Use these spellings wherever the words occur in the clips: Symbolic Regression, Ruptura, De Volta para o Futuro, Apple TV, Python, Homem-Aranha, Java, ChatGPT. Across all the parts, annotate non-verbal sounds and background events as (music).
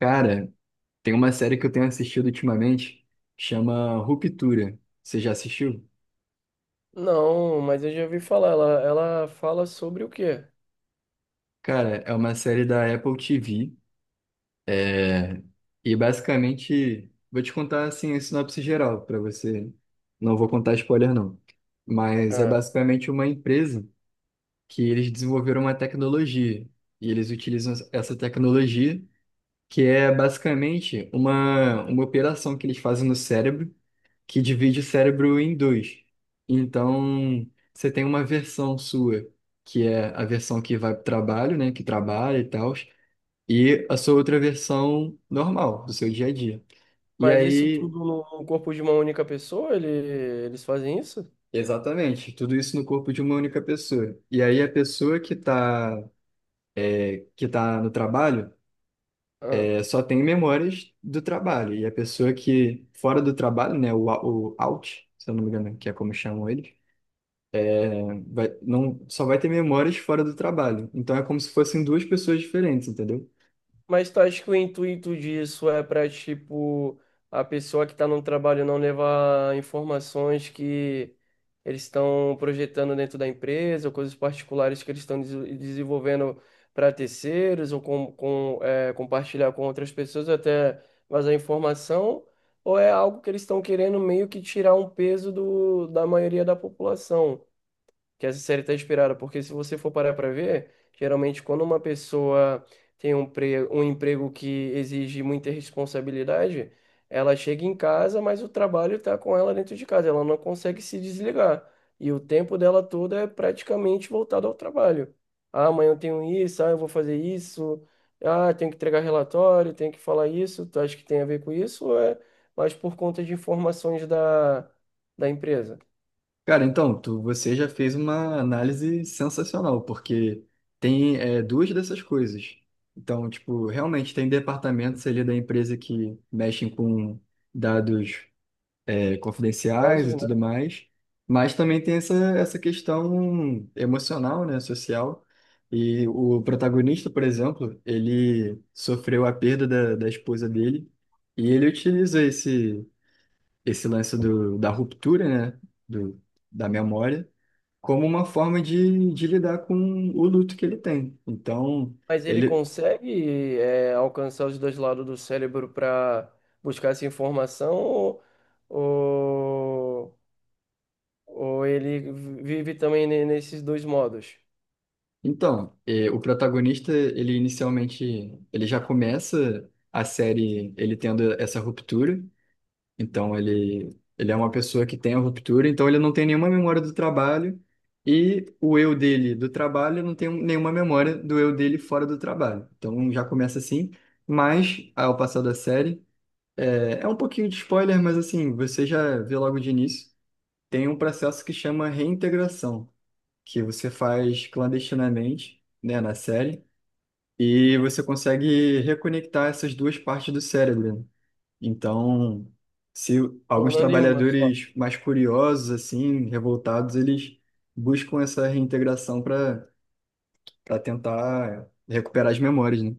Cara, tem uma série que eu tenho assistido ultimamente, chama Ruptura. Você já assistiu? Não, mas eu já ouvi falar. Ela fala sobre o quê? Cara, é uma série da Apple TV. é, E basicamente, vou te contar assim a sinopse geral para você. Não vou contar spoiler não. Mas é Ah, basicamente uma empresa que eles desenvolveram uma tecnologia e eles utilizam essa tecnologia que é basicamente uma operação que eles fazem no cérebro que divide o cérebro em dois. Então, você tem uma versão sua, que é a versão que vai para o trabalho, né, que trabalha e tal, e a sua outra versão normal, do seu dia a dia. E mas isso aí, tudo no corpo de uma única pessoa? Eles fazem isso? exatamente, tudo isso no corpo de uma única pessoa. E aí, a pessoa que está que tá no trabalho Ah. Só tem memórias do trabalho, e a pessoa que, fora do trabalho, né, se eu não me engano, que é como chamam eles. Vai, não, só vai ter memórias fora do trabalho. Então é como se fossem duas pessoas diferentes, entendeu? Mas tu acha que o intuito disso é para, tipo, a pessoa que está no trabalho não levar informações que eles estão projetando dentro da empresa, ou coisas particulares que eles estão desenvolvendo para terceiros, ou compartilhar com outras pessoas, até vazar informação, ou é algo que eles estão querendo meio que tirar um peso do, da maioria da população? Que essa série está inspirada, porque se você for parar para ver, geralmente quando uma pessoa tem um emprego que exige muita responsabilidade, ela chega em casa, mas o trabalho está com ela dentro de casa, ela não consegue se desligar. E o tempo dela todo é praticamente voltado ao trabalho. Ah, amanhã eu tenho isso, ah, eu vou fazer isso, ah, tenho que entregar relatório, tenho que falar isso, tu acha que tem a ver com isso? Ou é mais por conta de informações da empresa? Cara, então, você já fez uma análise sensacional, porque tem duas dessas coisas. Então, tipo, realmente tem departamentos ali da empresa que mexem com dados confidenciais e tudo Né? mais, mas também tem essa questão emocional, né, social. E o protagonista, por exemplo, ele sofreu a perda da esposa dele e ele utiliza esse lance da ruptura, né, do, da memória, como uma forma de lidar com o luto que ele tem. Então, Mas ele ele consegue alcançar os dois lados do cérebro para buscar essa informação ou, ou ele vive também nesses dois modos, Então, o protagonista, ele inicialmente, ele já começa a série ele tendo essa ruptura. Então, ele é uma pessoa que tem a ruptura, então ele não tem nenhuma memória do trabalho e o eu dele do trabalho não tem nenhuma memória do eu dele fora do trabalho. Então, já começa assim, mas ao passar da série, é um pouquinho de spoiler, mas assim, você já vê logo de início, tem um processo que chama reintegração que você faz clandestinamente, né, na série, e você consegue reconectar essas duas partes do cérebro, né? Então, se alguns tornando em uma só? trabalhadores mais curiosos, assim, revoltados, eles buscam essa reintegração para tentar recuperar as memórias, né?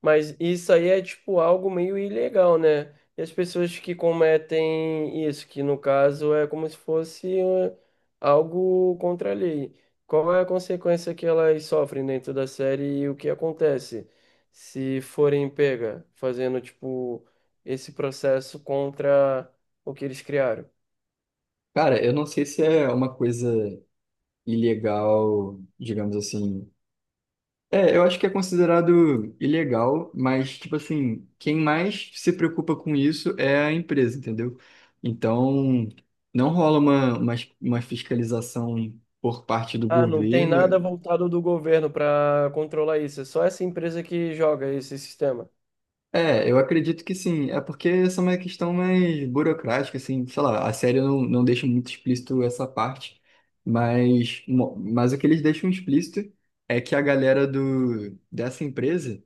Mas isso aí é tipo algo meio ilegal, né? E as pessoas que cometem isso, que no caso é como se fosse algo contra a lei. Qual é a consequência que elas sofrem dentro da série e o que acontece se forem pega fazendo tipo esse processo contra o que eles criaram? Cara, eu não sei se é uma coisa ilegal, digamos assim. É, eu acho que é considerado ilegal, mas, tipo assim, quem mais se preocupa com isso é a empresa, entendeu? Então, não rola uma fiscalização por parte do Ah, não tem nada governo. voltado do governo para controlar isso, é só essa empresa que joga esse sistema. É, eu acredito que sim. É porque essa é uma questão mais burocrática, assim, sei lá, a série não deixa muito explícito essa parte, mas, mas o que eles deixam explícito é que a galera dessa empresa.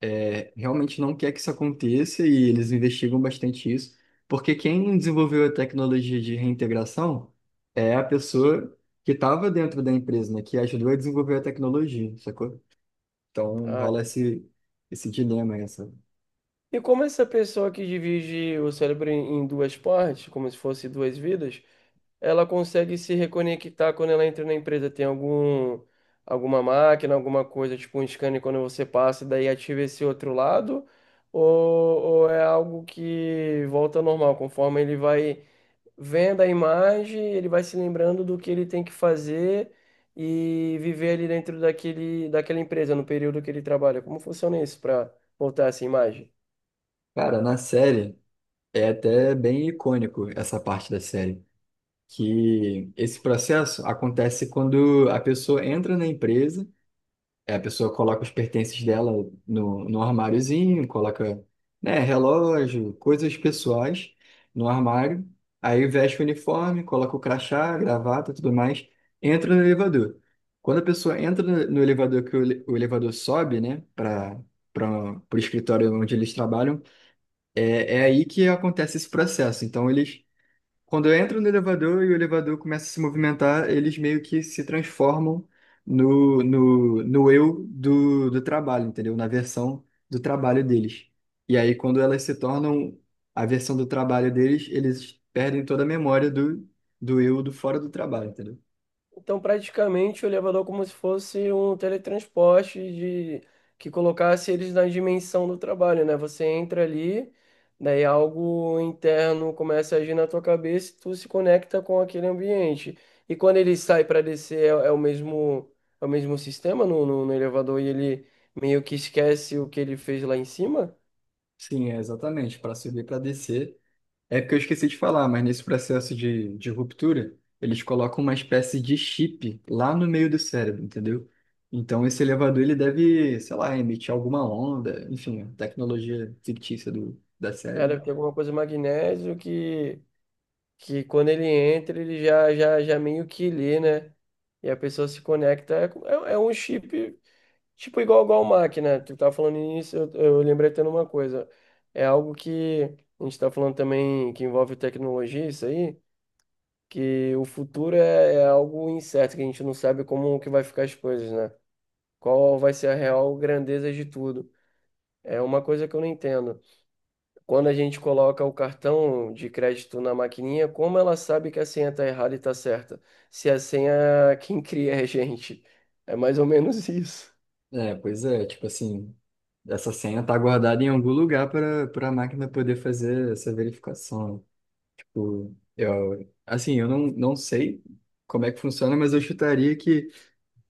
É, realmente não quer que isso aconteça e eles investigam bastante isso, porque quem desenvolveu a tecnologia de reintegração é a pessoa que estava dentro da empresa, né, que ajudou a desenvolver a tecnologia, sacou? Então Ah, rola esse dilema, essa. e como essa pessoa que divide o cérebro em duas partes, como se fosse duas vidas, ela consegue se reconectar quando ela entra na empresa? Tem algum, alguma máquina, alguma coisa, tipo um scanner quando você passa, daí ativa esse outro lado? Ou, ou é algo que volta ao normal, conforme ele vai vendo a imagem, ele vai se lembrando do que ele tem que fazer e viver ali dentro daquele, daquela empresa, no período que ele trabalha? Como funciona isso para voltar essa imagem? Cara, na série é até bem icônico essa parte da série, que esse processo acontece quando a pessoa entra na empresa. É, a pessoa coloca os pertences dela no armáriozinho, coloca, né, relógio, coisas pessoais no armário, aí veste o uniforme, coloca o crachá, gravata, tudo mais, entra no elevador. Quando a pessoa entra no elevador, que o elevador sobe, né, para o escritório onde eles trabalham, é aí que acontece esse processo. Então, eles quando eu entro no elevador e o elevador começa a se movimentar, eles meio que se transformam no eu do trabalho, entendeu? Na versão do trabalho deles. E aí, quando elas se tornam a versão do trabalho deles, eles perdem toda a memória do eu do fora do trabalho, entendeu? Então, praticamente, o elevador é como se fosse um teletransporte de que colocasse eles na dimensão do trabalho, né? Você entra ali, daí algo interno começa a agir na tua cabeça e tu se conecta com aquele ambiente. E quando ele sai para descer, é o mesmo sistema no elevador e ele meio que esquece o que ele fez lá em cima? Sim, é exatamente. Para subir, para descer. É porque eu esqueci de falar, mas nesse processo de ruptura, eles colocam uma espécie de chip lá no meio do cérebro, entendeu? Então esse elevador ele deve, sei lá, emitir alguma onda, enfim, a tecnologia fictícia da série, né? Era ter alguma coisa magnésio que quando ele entra, ele já meio que lê, né? E a pessoa se conecta. É é um chip, tipo, igual máquina. Tu tá falando nisso, eu lembrei até de uma coisa. É algo que a gente tá falando também que envolve tecnologia, isso aí, que o futuro é algo incerto, que a gente não sabe como que vai ficar as coisas, né? Qual vai ser a real grandeza de tudo. É uma coisa que eu não entendo. Quando a gente coloca o cartão de crédito na maquininha, como ela sabe que a senha está errada e está certa? Se a senha é quem cria é a gente. É mais ou menos (laughs) isso. É, pois é, tipo assim, essa senha tá guardada em algum lugar para a máquina poder fazer essa verificação. Tipo, eu, assim, eu não, não sei como é que funciona, mas eu chutaria que...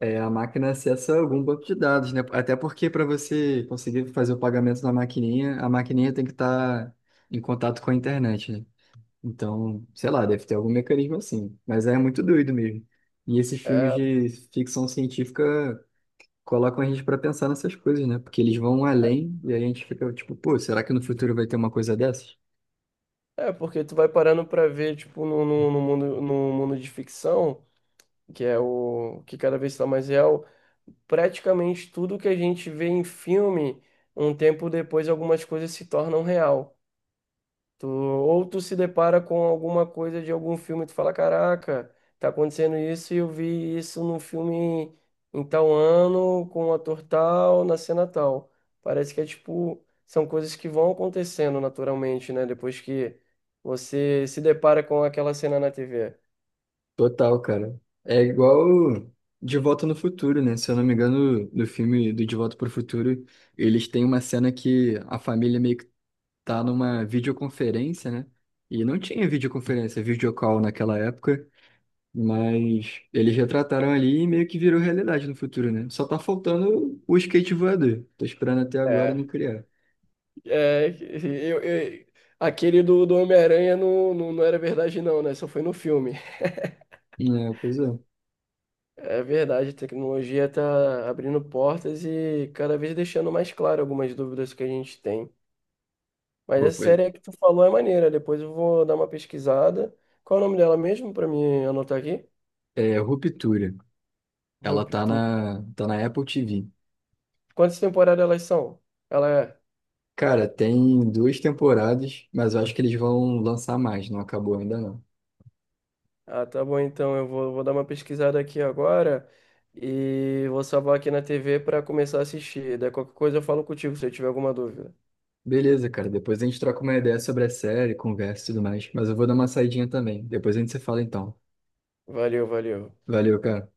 É, a máquina acessa algum banco de dados, né? Até porque para você conseguir fazer o pagamento na maquininha, a maquininha tem que estar em contato com a internet, né? Então, sei lá, deve ter algum mecanismo assim. Mas é muito doido mesmo. E esses filmes É, de ficção científica colocam a gente para pensar nessas coisas, né? Porque eles vão além e aí a gente fica tipo, pô, será que no futuro vai ter uma coisa dessas? é porque tu vai parando para ver, tipo, no mundo, no mundo de ficção, que é o que cada vez está mais real, praticamente tudo que a gente vê em filme, um tempo depois algumas coisas se tornam real. Tu, ou tu se depara com alguma coisa de algum filme e tu fala, caraca, tá acontecendo isso e eu vi isso num filme em tal ano, com o ator tal, na cena tal. Parece que é tipo, são coisas que vão acontecendo naturalmente, né? Depois que você se depara com aquela cena na TV. Total, cara. É igual De Volta no Futuro, né? Se eu não me engano, no filme do De Volta para o Futuro, eles têm uma cena que a família meio que tá numa videoconferência, né? E não tinha videoconferência, videocall naquela época, mas eles retrataram ali e meio que virou realidade no futuro, né? Só tá faltando o skate voador. Tô esperando até agora não É, criar. é, eu, eu- aquele do Homem-Aranha não era verdade não, né? Só foi no filme. É, pois é. É verdade, a tecnologia está abrindo portas e cada vez deixando mais claro algumas dúvidas que a gente tem. Mas Pô, essa pô, série que tu falou é maneira, depois eu vou dar uma pesquisada. Qual é o nome dela mesmo para me anotar aqui? é Ruptura. Ela tá Ruptura. na, tá na Apple TV. Quantas temporadas elas são? Ela é. Cara, tem duas temporadas, mas eu acho que eles vão lançar mais, não acabou ainda não. Ah, tá bom, então eu vou dar uma pesquisada aqui agora e vou salvar aqui na TV para começar a assistir. Daí qualquer coisa eu falo contigo se eu tiver alguma dúvida. Beleza, cara, depois a gente troca uma ideia sobre a série, conversa e tudo mais, mas eu vou dar uma saidinha também. Depois a gente se fala então. Valeu, valeu. Valeu, cara.